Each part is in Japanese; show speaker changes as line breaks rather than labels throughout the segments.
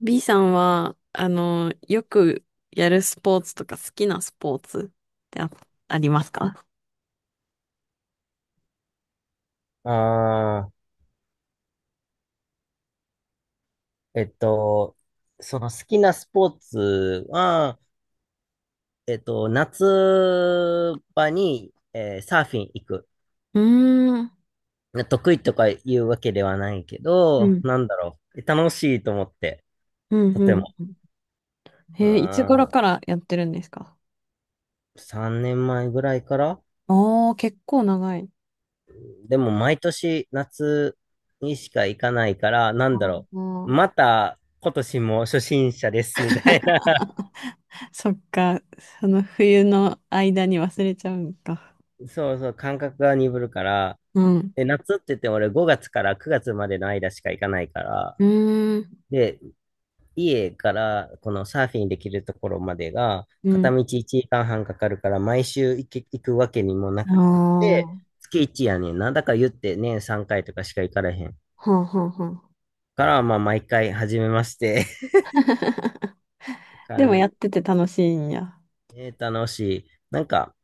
B さんは、よくやるスポーツとか好きなスポーツってありますか？
ああ、えっと、その好きなスポーツは、夏場に、サーフィン行く。
うーん。
ね得意とか言うわけではないけ
う
ど、
ん。
なんだろう。楽しいと思って、
うん、
と
う
て
ん。
も。
うん。
うー
へえ、いつ頃
ん、
からやってるんですか？
3年前ぐらいから
ああー、結構長い。
でも毎年夏にしか行かないから、な
あ
んだろう。
ー。
また今年も初心者です、みたいな。
そっか、その冬の間に忘れちゃうんか。
そうそう、感覚が鈍るから、
うん。
で、夏って言っても俺5月から9月までの間しか行かないから、
うーん。
で、家からこのサーフィンできるところまでが
う
片道
ん。
1時間半かかるから毎週行くわけにもな
あ
くて、
あ、
月1やねんな。だから言って年3回とかしか行かれへん。
はんはんはん。
から、まあ毎回初めまして
でも
感
やってて楽しいんや。
えー、楽しい。なんか、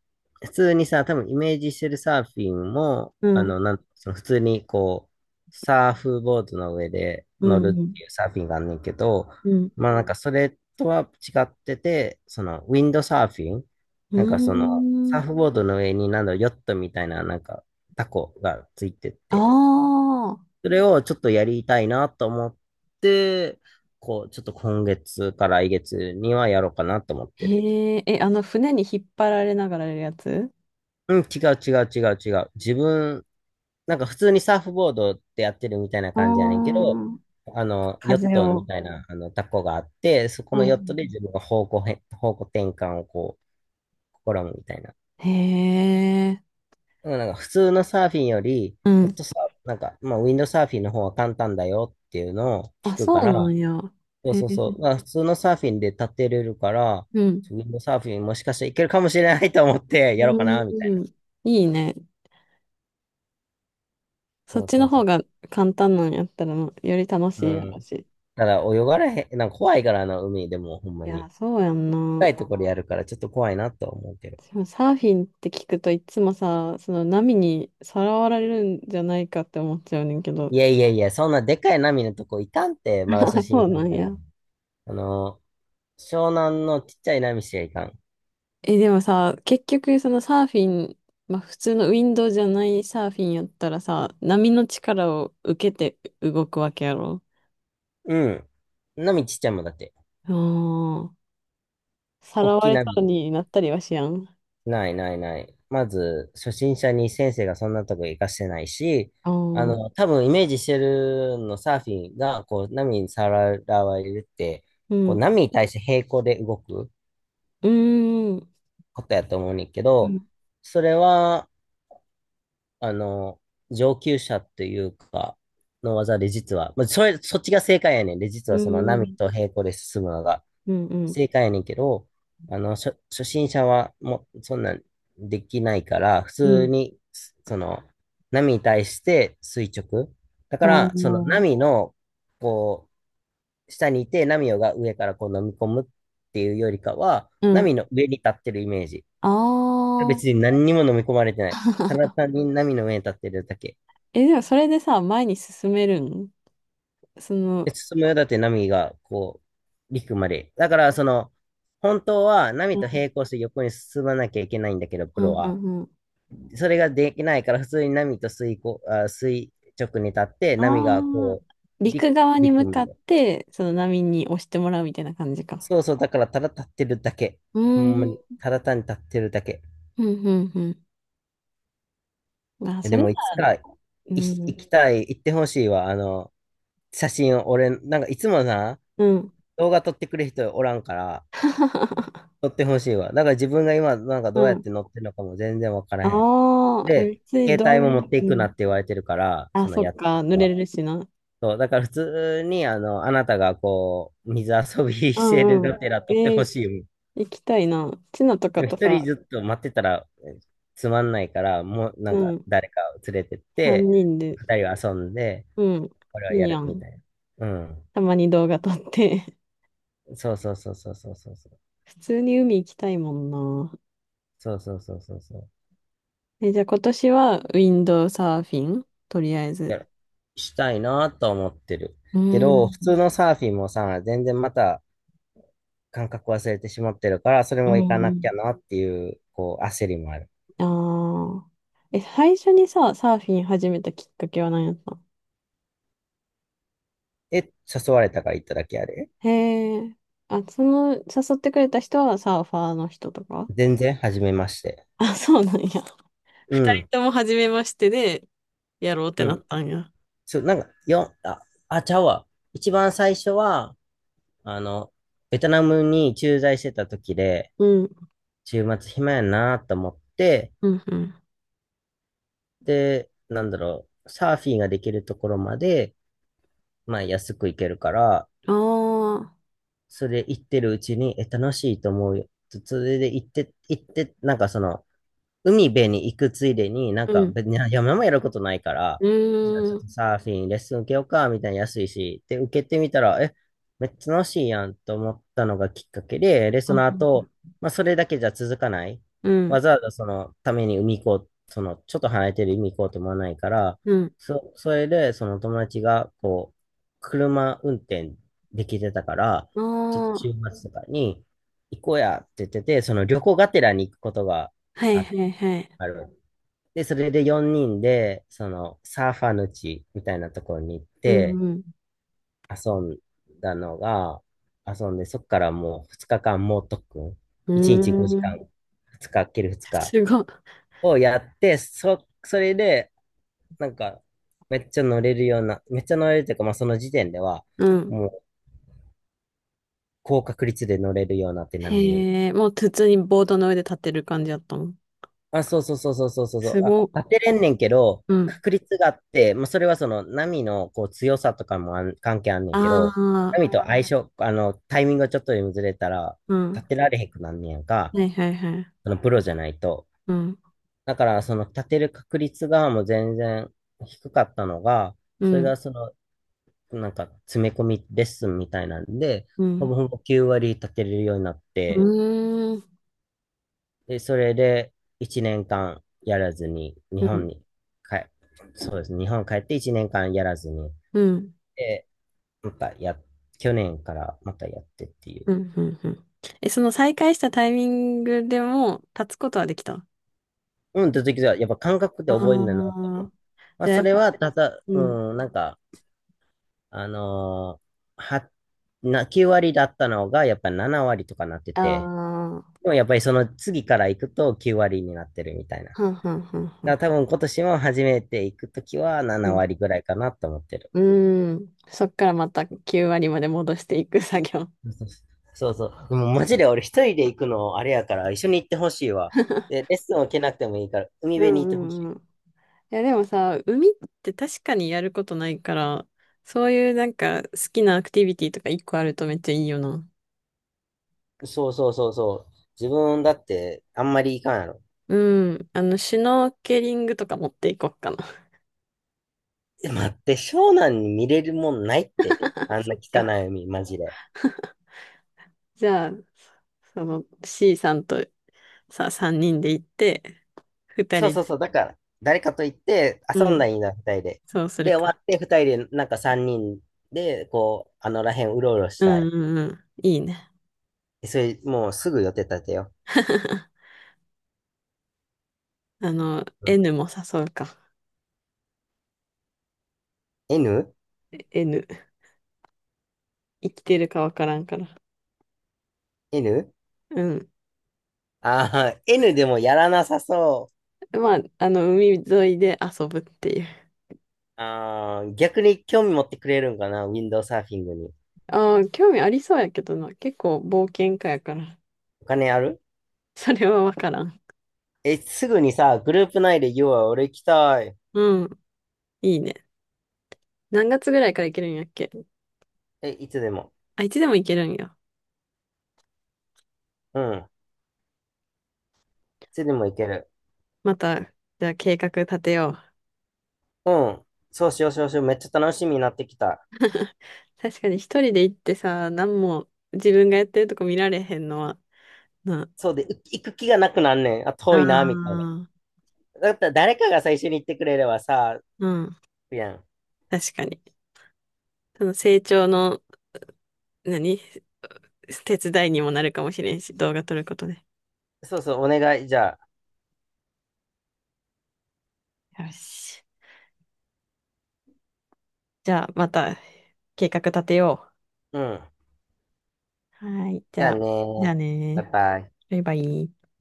普通にさ、多分イメージしてるサーフィンも、
うん、
その普通にこう、サーフボードの上で
う
乗る
ん、う
っ
ん。
ていうサーフィンがあんねんけど、
うん。
まあなんかそれとは違ってて、そのウィンドサーフィン、
う
なんかその
ー
サー
ん。
フボードの上になんだろう、ヨットみたいななんかタコがついてっ
あ
て、
あ、
それをちょっとやりたいなと思って、こう、ちょっと今月か来月にはやろうかなと思ってる。
へえ、え、あの船に引っ張られながらやるやつ？
うん、違う違う違う違う。自分、なんか普通にサーフボードってやってるみたいな
ああ
感じやねんけど、
ー、
あの、ヨッ
風
トみ
を。
たいな、あの、タコがあって、そこの
は
ヨッ
い。
トで自分が方向転換をこう、試むみたいな。
へえ、
でもなんか普通のサーフィンより、
う
ヨッ
ん。
トサーフなんか、まあ、ウィンドサーフィンの方が簡単だよっていうのを
あ、
聞く
そ
か
うな
ら、
んや。
そう
へえ、
そうそう、まあ、普通のサーフィンで立てれるから、
うん。
ウィンドサーフィンもしかしたらいけるかもしれないと思ってやろうかな、みたいな。
うん。いいね。そっ
そう
ち
そ
の
う
方
そ
が簡単なんやったら、より楽
う。
しい
う
やろ
ん。
し。
ただ泳がれへん、なんか怖いからな、海でもほんま
い
に。
や、そうやん
深
な。
いところやるからちょっと怖いなとは思うけど。
でもサーフィンって聞くといつもさ、その波にさらわれるんじゃないかって思っちゃうねんけど。
いやいやいや、そんなでかい波のとこ行かんって、ま だ初
あ、そ
心
う
者
な
に
ん
なる。
や。
あの、湘南のちっちゃい波しか行かん。
え、でもさ、結局そのサーフィン、まあ普通のウィンドウじゃないサーフィンやったらさ、波の力を受けて動くわけやろ。
うん。波ちっちゃいもんだって。
ああ、さ
大
らわ
きい
れそう
波。
になったりはしやん。
ないないない。まず、初心者に先生がそんなとこ行かせてないし、
ああ、
あ
うん、
の、多分イメージしてるのサーフィンが、こう、波にさらわれるって、こう、波に対して平行で動く。
うん、うん、
ことやと思うねんけ
う
ど、
ん、
それは、あの、上級者というか、の技で実は、まあ、そっちが正解やねんで、実
う
はその波
ん、
と平行で進むのが
うん、
正解やねんけど、あの、初心者はもうそんなんできないから、普
う
通
ん、
に、その、波に対して垂直。だ
あ
か
あ
ら、その
ー、
波の、こう、下にいて、波が上からこう飲み込むっていうよりかは、
う
波
ん、
の上に立ってるイメージ。
ああ、
別に何にも飲み込まれてない。ただ 単に波の上に立ってるだけ。
え、でもそれでさ、前に進めるん？その、
で、進むよだって波がこう、陸まで。だから、その、本当は波
う
と
ん
並行して横に進まなきゃいけないんだけど、プ
うん
ロ
う
は。
んうん。
それができないから、普通に波と垂こ、あ、垂直に立って、波が
ああ、
こう、陸、
陸側に
陸
向
ま
かっ
で。
て、その波に押してもらうみたいな感じか。
そうそう、だから、ただ立ってるだけ。
うー
ほんま
ん、
に、
うん、
ただ単に立ってるだけ。
うん、うん。あ、そ
で
れだ。
も、いつか、い
う
行
ん、
きたい、行ってほしいわ。あの、写真を、俺、なんかいつもな、
うん。
動画撮ってくれる人おらんから、撮ってほしいわ。だから自分が今、なんか
う
どうやっ
ん。
て乗ってるのかも全然わからへん。
ああ、え、
で、
別に
携
ど
帯
うい
も持っ
う、
てい
う
くなっ
ん。
て言われてるから、
あ、
その
そっ
やってる
か、
人
濡れ
は。
るしな。
そう、だから普通に、あの、あなたがこう、水遊び
う
してる
ん
が
う
てら
ん。
撮って
え
ほ
ー、
しいよ。
行きたいな。チナと
で
か
も
と
一人
さ、
ずっと待ってたらえつまんないから、もうな
う
んか
ん、
誰かを連れてって、
3人で、
二人は遊んで、
うん、
これは
い
や
いや
るみ
ん。
たいな。う
たまに動画撮って。
ん。そうそうそうそうそうそうそう。
普通に海行きたいもんな。
そうそうそうそうそう。
え、じゃあ今年はウィンドサーフィンとりあえず。
やるしたいなと思ってる。
う
け
ーん。
ど、普通のサーフィンもさ、全然また感覚忘れてしまってるから、それ
う
も行かなき
ん。
ゃなっていう、こう、焦りもある。
ああ。え、最初にさ、サーフィン始めたきっかけは何やったの？
え、誘われたから行っただけやで。
へえ。あ、その、誘ってくれた人はサーファーの人とか？
全然、初めまして。
あ、そうなんや。
う
二人
ん、
とも初めましてで、やろうっ
う
てなっ
ん。
たんや。
そう、なんか、よ、あ、あ、ちゃうわ。一番最初は、あの、ベトナムに駐在してた時で、
うん。
週末暇やなと思って、
うん、うん。
で、なんだろう、サーフィンができるところまで、まあ安く行けるから、
ああ。
それ行ってるうちに、楽しいと思うよ。それで行って、行って、なんかその、海辺に行くついでに、なん
う
か
ん。
別に山もやることないから、
う
じゃあち
ー
ょっ
ん。
とサーフィン、レッスン受けようか、みたいな安いし、で、受けてみたら、めっちゃ楽しいやんと思ったのがきっかけで、で、その
あ、
後、まあそれだけじゃ続かない。
う
わ
ん。
ざわざそのために海行こう、その、ちょっと離れてる海行こうと思わないから、
うん。
それで、その友達が、こう、車運転できてたから、
あ
ちょっと
あ。
週末とかに行こうやって言ってて、その旅行がてらに行くことが
はい、
あ、
はい、はい。
ある。で、それで4人で、そのサーファーの地みたいなところに行っ
う
て
んうん。
遊んだのが、遊んで、そこからもう2日間猛特訓。
う
1日5
ー
時間、
ん。
2日、ける2日
すごい。
をやって、それで、なんか、めっちゃ乗れるような、めっちゃ乗れるというか、まあその時点では、
うん。
もう高確率で乗れるようになって波に。
へえ、もう普通にボードの上で立ってる感じだったもん。
あ、そうそうそうそうそうそうそう。
すごっ。
あ、立てれんねんけど、
うん。
確率があって、まあ、それはその波のこう強さとかもあん関係あんねん
あ
けど、波
あ。
と相性、あの、タイミングがちょっとでもずれたら、
うん。
立てられへんくなんねやんか、
はいはいはい。
そのプロじゃないと。
うん。
だから、その立てる確率がもう全然低かったのが、
う
それが
ん。
その、なんか詰め込みレッスンみたいなんで、
う
ほぼ
ん。
ほぼ9割立てれるようになっ
う
て、
ーん。
で、それで1年間やらずに、日
う
本
ん。
に帰、そうですね。日本帰って1年間やらずに、
うん。
で、またや、去年からまたやってっていう。
うん。うん。うん。え、その再開したタイミングでも立つことはできた？
うん、と時は、やっぱ感覚で
ああ
覚えるんだなって思
ー、
う。まあ、
じゃあや
そ
っ
れは、
ぱ、
ただ、
うん。
うん、なんか、あのーは、な、9割だったのが、やっぱり7割とかなって
あ
て、
あ、
でもやっぱりその次から行くと9割になってるみたいな。だか
はんはんはんは
ら
ん。
多分今年も初めて行くときは7
うん。
割ぐらいかなと思ってる。
うーん。そっからまた9割まで戻していく作業。
そうそうそう。でもマジで俺一人で行くのあれやから、一緒に行ってほしいわ。で、レッスンを受けなくてもいいから、海
う
辺に行っ
んう
てほし
んうん。いや、でもさ、海って確かにやることないから、そういうなんか好きなアクティビティとか一個あるとめっちゃいいよな。
い。そうそうそうそう。自分だってあんまり行かんやろ。
うん。あの、シュノーケリングとか持っていこうかな。
待って、湘南に見れるもんないって。あん
そ
な
っ
汚
か。
い海、マジで。
じゃあ、その C さんとさ、3人で行って、2
そう
人
そう
で、
そう。だから、誰かと行って
う
遊んだら
ん、
いいな、二人で。
そうする
で、終
か。
わって二人で、なんか三人で、こう、あのらへんうろうろし
う
た
ん
い。
うんうん。いいね。
それ、もうすぐ予定立てよ
あの、
う。うん
N も誘うか。
N?N?
N。生きてるかわからんから。うん。
ああ、N でもやらなさそ
まあ、あの、海沿いで遊ぶっていう。
う。ああ、逆に興味持ってくれるんかな、ウィンドウサーフィングに。
ああ、興味ありそうやけどな。結構冒険家やから。
お金ある
それはわからん。
すぐにさ、グループ内で言おうよ、要は俺行きたい。
うん。いいね。何月ぐらいから行けるんやっけ？
え、いつでも。
あ、いつでも行けるんや。
うん。いつでも行ける。
また、じゃあ計画立てよう。
うん。そうしよう、そうしよう。めっちゃ楽しみになってきた。
確かに一人で行ってさ、何も自分がやってるとこ見られへんのは、な。
そうで、う行く気がなくなんねん。あ、
あ
遠いな、みたいな。
あ、
だったら誰かが最初に行ってくれればさ、
うん。
いいやん。
確かに。その成長の、何手伝いにもなるかもしれんし、動画撮ることで。
そうそう、お願い。じゃあ、
よし。じゃあ、また計画立てよ
うん。
う。はい。じ
じゃ
ゃ
あ
あ、じゃあ
ねバイ
ね
バイ。
ー。バイバイ。